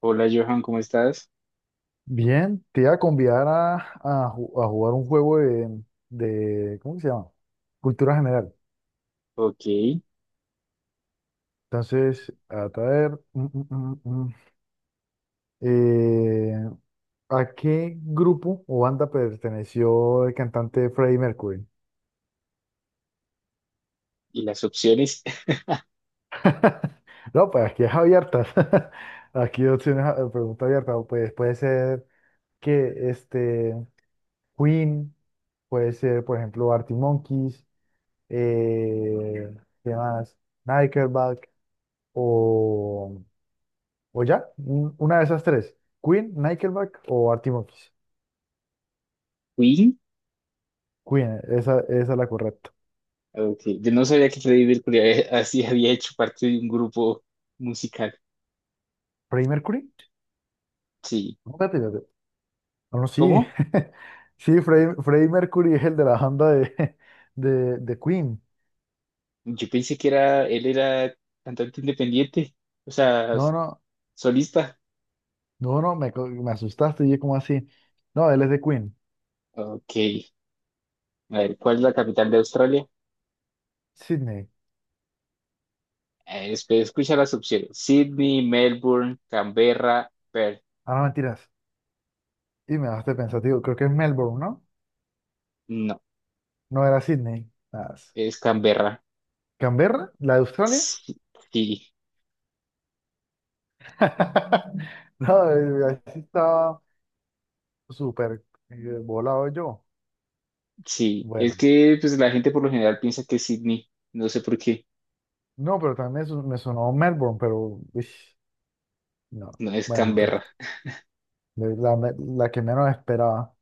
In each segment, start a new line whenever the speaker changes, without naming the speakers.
Hola Johan, ¿cómo estás?
Bien, te iba a convidar a jugar un juego de, ¿cómo que se llama? Cultura general.
Ok, y
Entonces, a traer, eh, ¿a qué grupo o banda perteneció el cantante Freddie Mercury?
las opciones,
No, pues aquí es abiertas. Aquí opciones, pregunta abierta. Pues puede ser que este Queen, puede ser, por ejemplo, Arctic Monkeys, eh, ¿qué más? Nickelback. o, o ya, una de esas tres, Queen, Nickelback o Arctic Monkeys.
Queen.
Queen, esa es la correcta.
Ok, yo no sabía que Freddie Mercury así había hecho parte de un grupo musical.
¿Freddie Mercury?
Sí,
No, espérate, espérate. No, no, sí,
¿cómo?
sí, Freddie Mercury es el de la banda de, de Queen.
Yo pensé que era, él era cantante independiente, o sea,
No, no,
solista.
no, no, me asustaste y yo como así. No, él es de Queen,
Ok, a ver, ¿cuál es la capital de Australia?
Sydney.
Escucha las opciones: Sydney, Melbourne, Canberra, Perth.
Ah, no, mentiras. Y me dejaste pensativo, creo que es Melbourne, ¿no?
No,
No era Sydney. Ah.
es Canberra,
¿Canberra? ¿La de Australia?
sí, sí.
No, así estaba. Súper volado yo.
Sí, es
Bueno,
que pues la gente por lo general piensa que es Sydney, no sé por qué,
no, pero también me sonó Melbourne, pero ish, no.
no es
Bueno, entonces,
Canberra.
la que menos esperaba.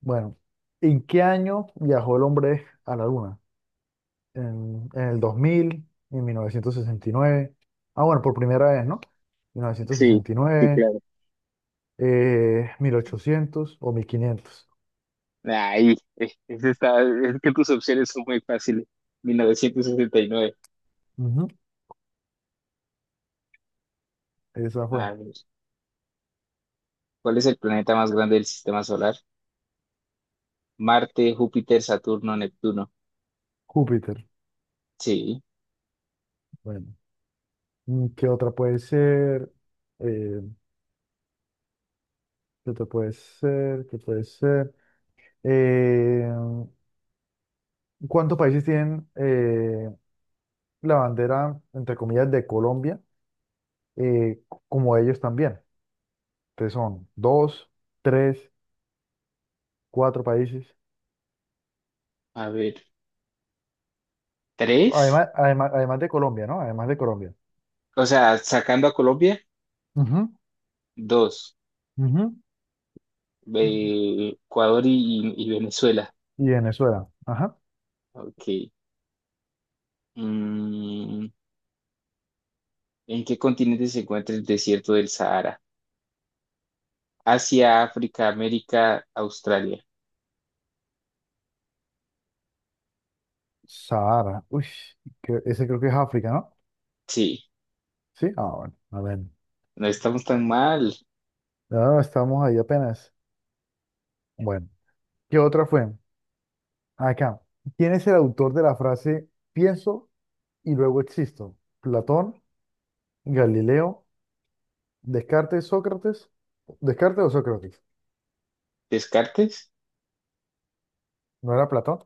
Bueno, ¿en qué año viajó el hombre a la Luna? En 1969. Ah, bueno, por primera vez, ¿no? mil novecientos
Sí,
sesenta y
sí,
nueve
claro.
1800 o 1500.
Ahí, es que tus opciones son muy fáciles. 1969.
Ujú, esa fue.
A ver, ¿cuál es el planeta más grande del sistema solar? Marte, Júpiter, Saturno, Neptuno.
Júpiter.
Sí,
Bueno, ¿qué otra puede ser? Eh, ¿Qué otro puede ser? ¿Qué puede ser? Eh, ¿Cuántos países tienen la bandera, entre comillas, de Colombia, eh, como ellos también? Entonces son dos, tres, cuatro países.
a ver, tres,
Además, además, además de Colombia, ¿no? Además de Colombia.
o sea, sacando a Colombia,
Ujú,
dos.
ujú.
Ecuador y Venezuela.
Y Venezuela. Ajá.
Ok. Mm, ¿en qué continente se encuentra el desierto del Sahara? Asia, África, América, Australia.
Sahara. Uy, ese creo que es África, ¿no?
Sí,
Sí. Ah, bueno. A ver.
no estamos tan mal.
Ah, estamos ahí apenas. Bueno. ¿Qué otra fue? Acá, ¿quién es el autor de la frase pienso y luego existo? ¿Platón, Galileo, Descartes, Sócrates? ¿Descartes o Sócrates?
¿Descartes?
¿No era Platón?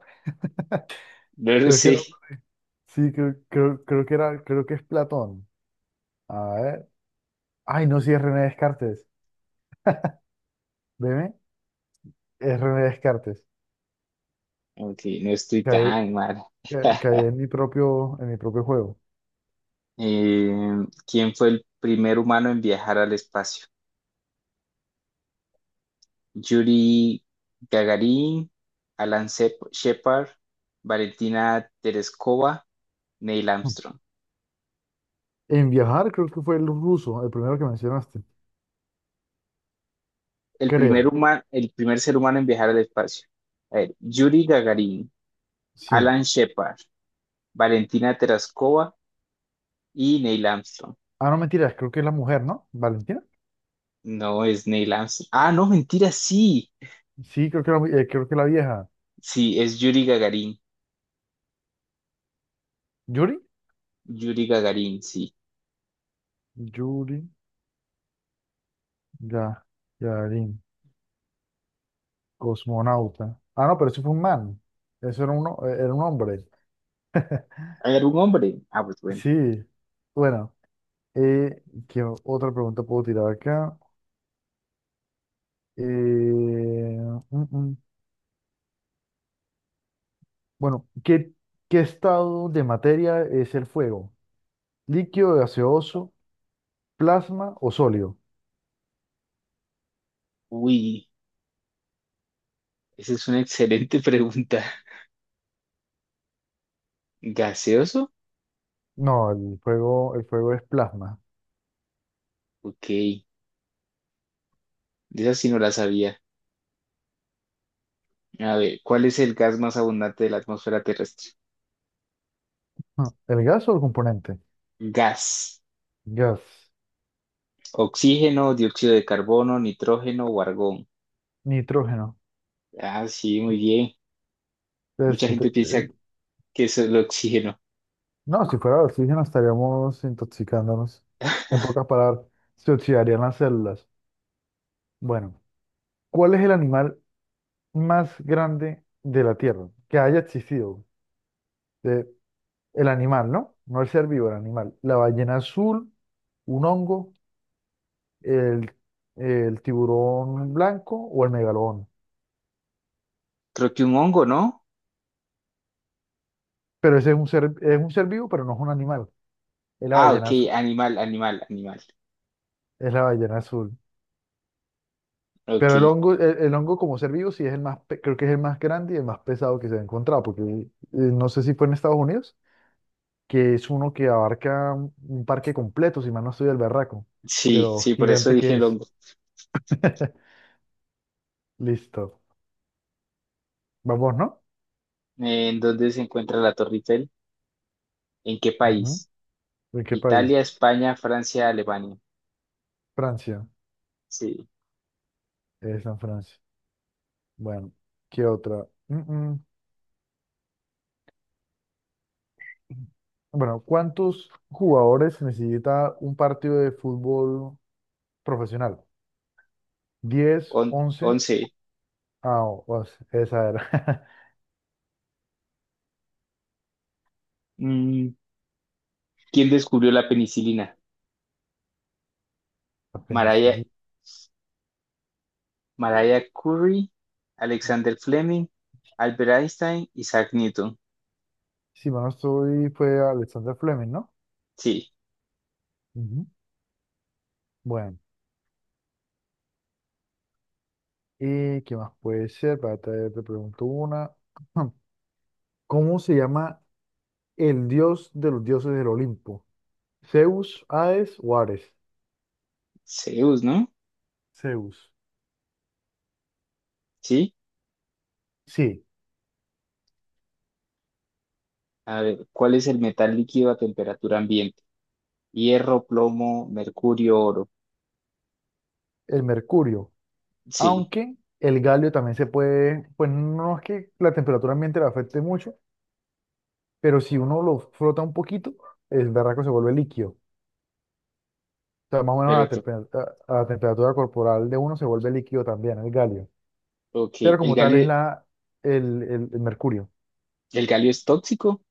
No lo
Creo que era,
sé.
sí, creo que era, creo que es Platón. A ver. Ay, no, sí es René Descartes. Veme, es René Descartes.
Ok, no estoy
Caí,
tan mal.
caí en mi propio juego.
Eh, ¿Quién fue el primer humano en viajar al espacio? Yuri Gagarin, Shepard, Valentina Tereskova, Neil
Hmm.
Armstrong.
En viajar, creo que fue el ruso, el primero que mencionaste. Creo,
El primer ser humano en viajar al espacio. A ver, Yuri Gagarin,
sí.
Alan Shepard, Valentina Terascova y Neil Armstrong.
Ah, no, mentiras, creo que es la mujer, ¿no? Valentina.
No es Neil Armstrong. Ah, no, mentira, sí.
Sí, creo que la vieja.
Sí, es Yuri Gagarin.
¿Yuri?
Yuri Gagarin, sí.
Yuri, ya, Yarin, cosmonauta. Ah, no, pero eso fue un man. Eso era un hombre.
¿Hay algún hombre? Ah, pues bueno.
Sí. Bueno, ¿qué otra pregunta puedo tirar acá? Eh, mm, mm. Bueno, ¿qué estado de materia es el fuego? ¿Líquido, gaseoso, plasma o sólido?
Uy, esa es una excelente pregunta. ¿Gaseoso?
No, el fuego es plasma.
Ok, de esa sí no la sabía. A ver, ¿cuál es el gas más abundante de la atmósfera terrestre?
Ah, ¿el gas o el componente?
Gas.
Gas,
Oxígeno, dióxido de carbono, nitrógeno o argón.
nitrógeno.
Ah, sí, muy bien.
Pues,
Mucha gente piensa que eso es el oxígeno.
no, si fuera oxígeno estaríamos intoxicándonos. En pocas palabras, se oxidarían las células. Bueno, ¿cuál es el animal más grande de la Tierra que haya existido? De- el animal, ¿no? No el ser vivo, el animal. La ballena azul, un hongo, el, el tiburón blanco o el megalodón.
Creo que un hongo, ¿no?
Pero ese es un ser vivo, pero no es un animal. Es la
Ah,
ballena
ok,
azul.
animal, animal, animal.
Es la ballena azul.
Ok,
Pero el hongo como ser vivo sí es el más, creo que es el más grande y el más pesado que se ha encontrado, porque no sé si fue en Estados Unidos, que es uno que abarca un parque completo, si mal no estoy del berraco, de
sí,
lo
sí, por eso
gigante
dije
que es.
longo.
Listo. Vamos, ¿no?
¿En dónde se encuentra la Torre Eiffel? ¿En qué
Ujú.
país?
¿De qué país?
Italia, España, Francia, Alemania.
Francia.
Sí.
Es en Francia. Bueno, ¿qué otra? Mm. Bueno, ¿cuántos jugadores necesita un partido de fútbol profesional? 10, 11.
Once.
Ah, esa era.
Mm, ¿quién descubrió la penicilina?
La
Mariah,
penicilina.
Mariah Curie, Alexander Fleming, Albert Einstein, Isaac Newton.
Si mal no estoy, fue Alexander Fleming, ¿no?
Sí.
Ujú. Bueno, ¿y qué más puede ser? Para te pregunto una. ¿Cómo se llama el dios de los dioses del Olimpo? ¿Zeus, Hades o Ares?
Zeus, ¿no?
Zeus.
Sí.
Sí,
A ver, ¿cuál es el metal líquido a temperatura ambiente? Hierro, plomo, mercurio, oro.
el mercurio.
Sí.
Aunque el galio también se puede, pues no es que la temperatura ambiente le afecte mucho, pero si uno lo frota un poquito, el berraco se vuelve líquido. Sea, más o menos a la,
Pero, to-
tempe- a- a la temperatura corporal de uno se vuelve líquido también el galio.
ok,
Pero como tal es el mercurio.
el galio es tóxico?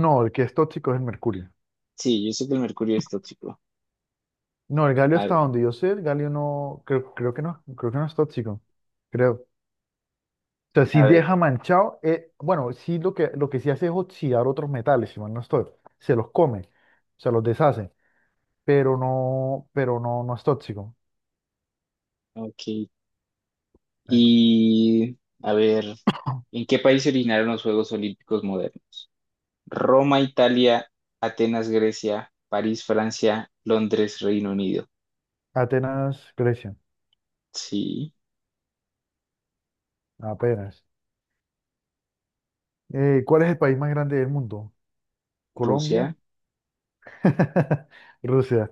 No, el que es tóxico es el mercurio.
Sí, yo sé que el mercurio es tóxico.
No, el galio
A,
hasta donde yo sé, el galio no, creo que no, creo que no es tóxico. Creo. O sea, sí
a
deja
ver,
manchado, bueno, sí lo que, sí hace es oxidar otros metales, si mal no estoy. Se los come, se los deshace, pero no, no es tóxico.
ok.
Bueno,
Y, a ver, ¿en qué país se originaron los Juegos Olímpicos modernos? Roma, Italia; Atenas, Grecia; París, Francia; Londres, Reino Unido.
Atenas, Grecia,
Sí.
apenas. ¿Cuál es el país más grande del mundo? Colombia,
Rusia.
Rusia,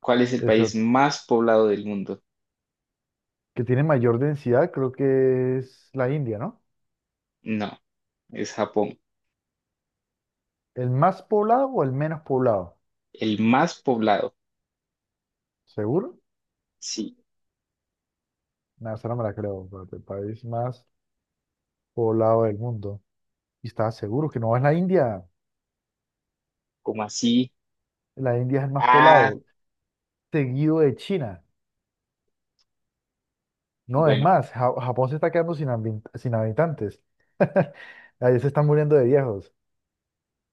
¿Cuál es el país
eso,
más poblado del mundo?
que tiene mayor densidad, creo que es la India, ¿no?
No, es Japón.
¿El más poblado o el menos poblado?
El más poblado.
¿Seguro?
Sí,
No, esa no me la creo, pero el país más poblado del mundo. Y estaba seguro que no es
como así?
la India es el más
Ah,
poblado, seguido de China. No, es
bueno.
más, Japón se está quedando sin habitantes. Ahí se están muriendo de viejos.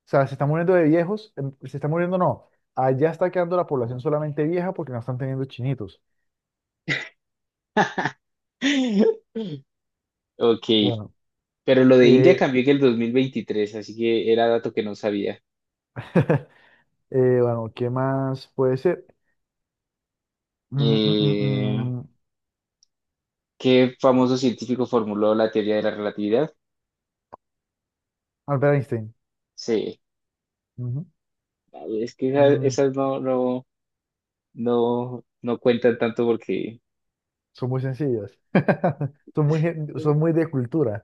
O sea, se están muriendo de viejos, se están muriendo, no. Allá está quedando la población solamente vieja porque no están teniendo chinitos.
Ok.
Bueno,
Pero lo de India
eh,
cambió en el 2023, así que era dato que no sabía.
bueno, ¿qué más puede ser? Mm, mm, mm,
Eh,
mm,
¿Qué famoso científico formuló la teoría de la relatividad?
Albert Einstein.
Sí,
Ujú.
es que
Mm,
esas, no, no cuentan tanto porque
son muy sencillas. Son muy de cultura.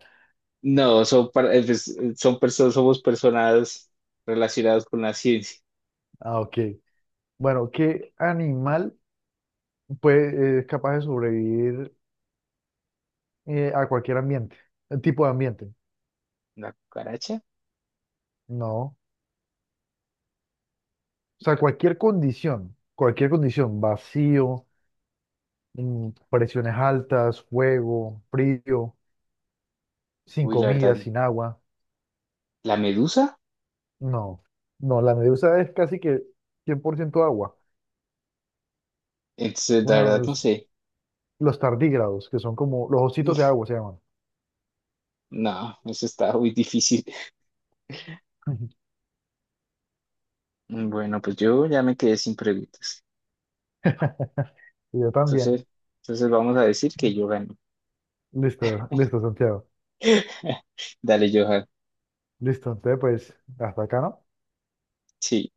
no. Son, pues, son personas, somos personas relacionadas con la ciencia.
Ah, ok. Bueno, ¿qué animal es capaz de sobrevivir a cualquier ambiente? Tipo de ambiente.
¿La cucaracha?
No. O sea, cualquier condición. Cualquier condición. Vacío, presiones altas, fuego, frío, sin
Uy, la verdad,
comida, sin agua.
¿la medusa?
No, no, la medusa es casi que 100% agua.
Entonces, la
Una
verdad, no
medusa.
sé.
Los tardígrados, que son como los ositos de agua se llaman.
No, eso está muy difícil. Bueno, pues yo ya me quedé sin preguntas.
Y yo también.
Entonces, entonces vamos a decir que yo gané.
Listo, listo, Santiago.
Dale, Johan.
Listo, entonces pues hasta acá, ¿no?
Sí.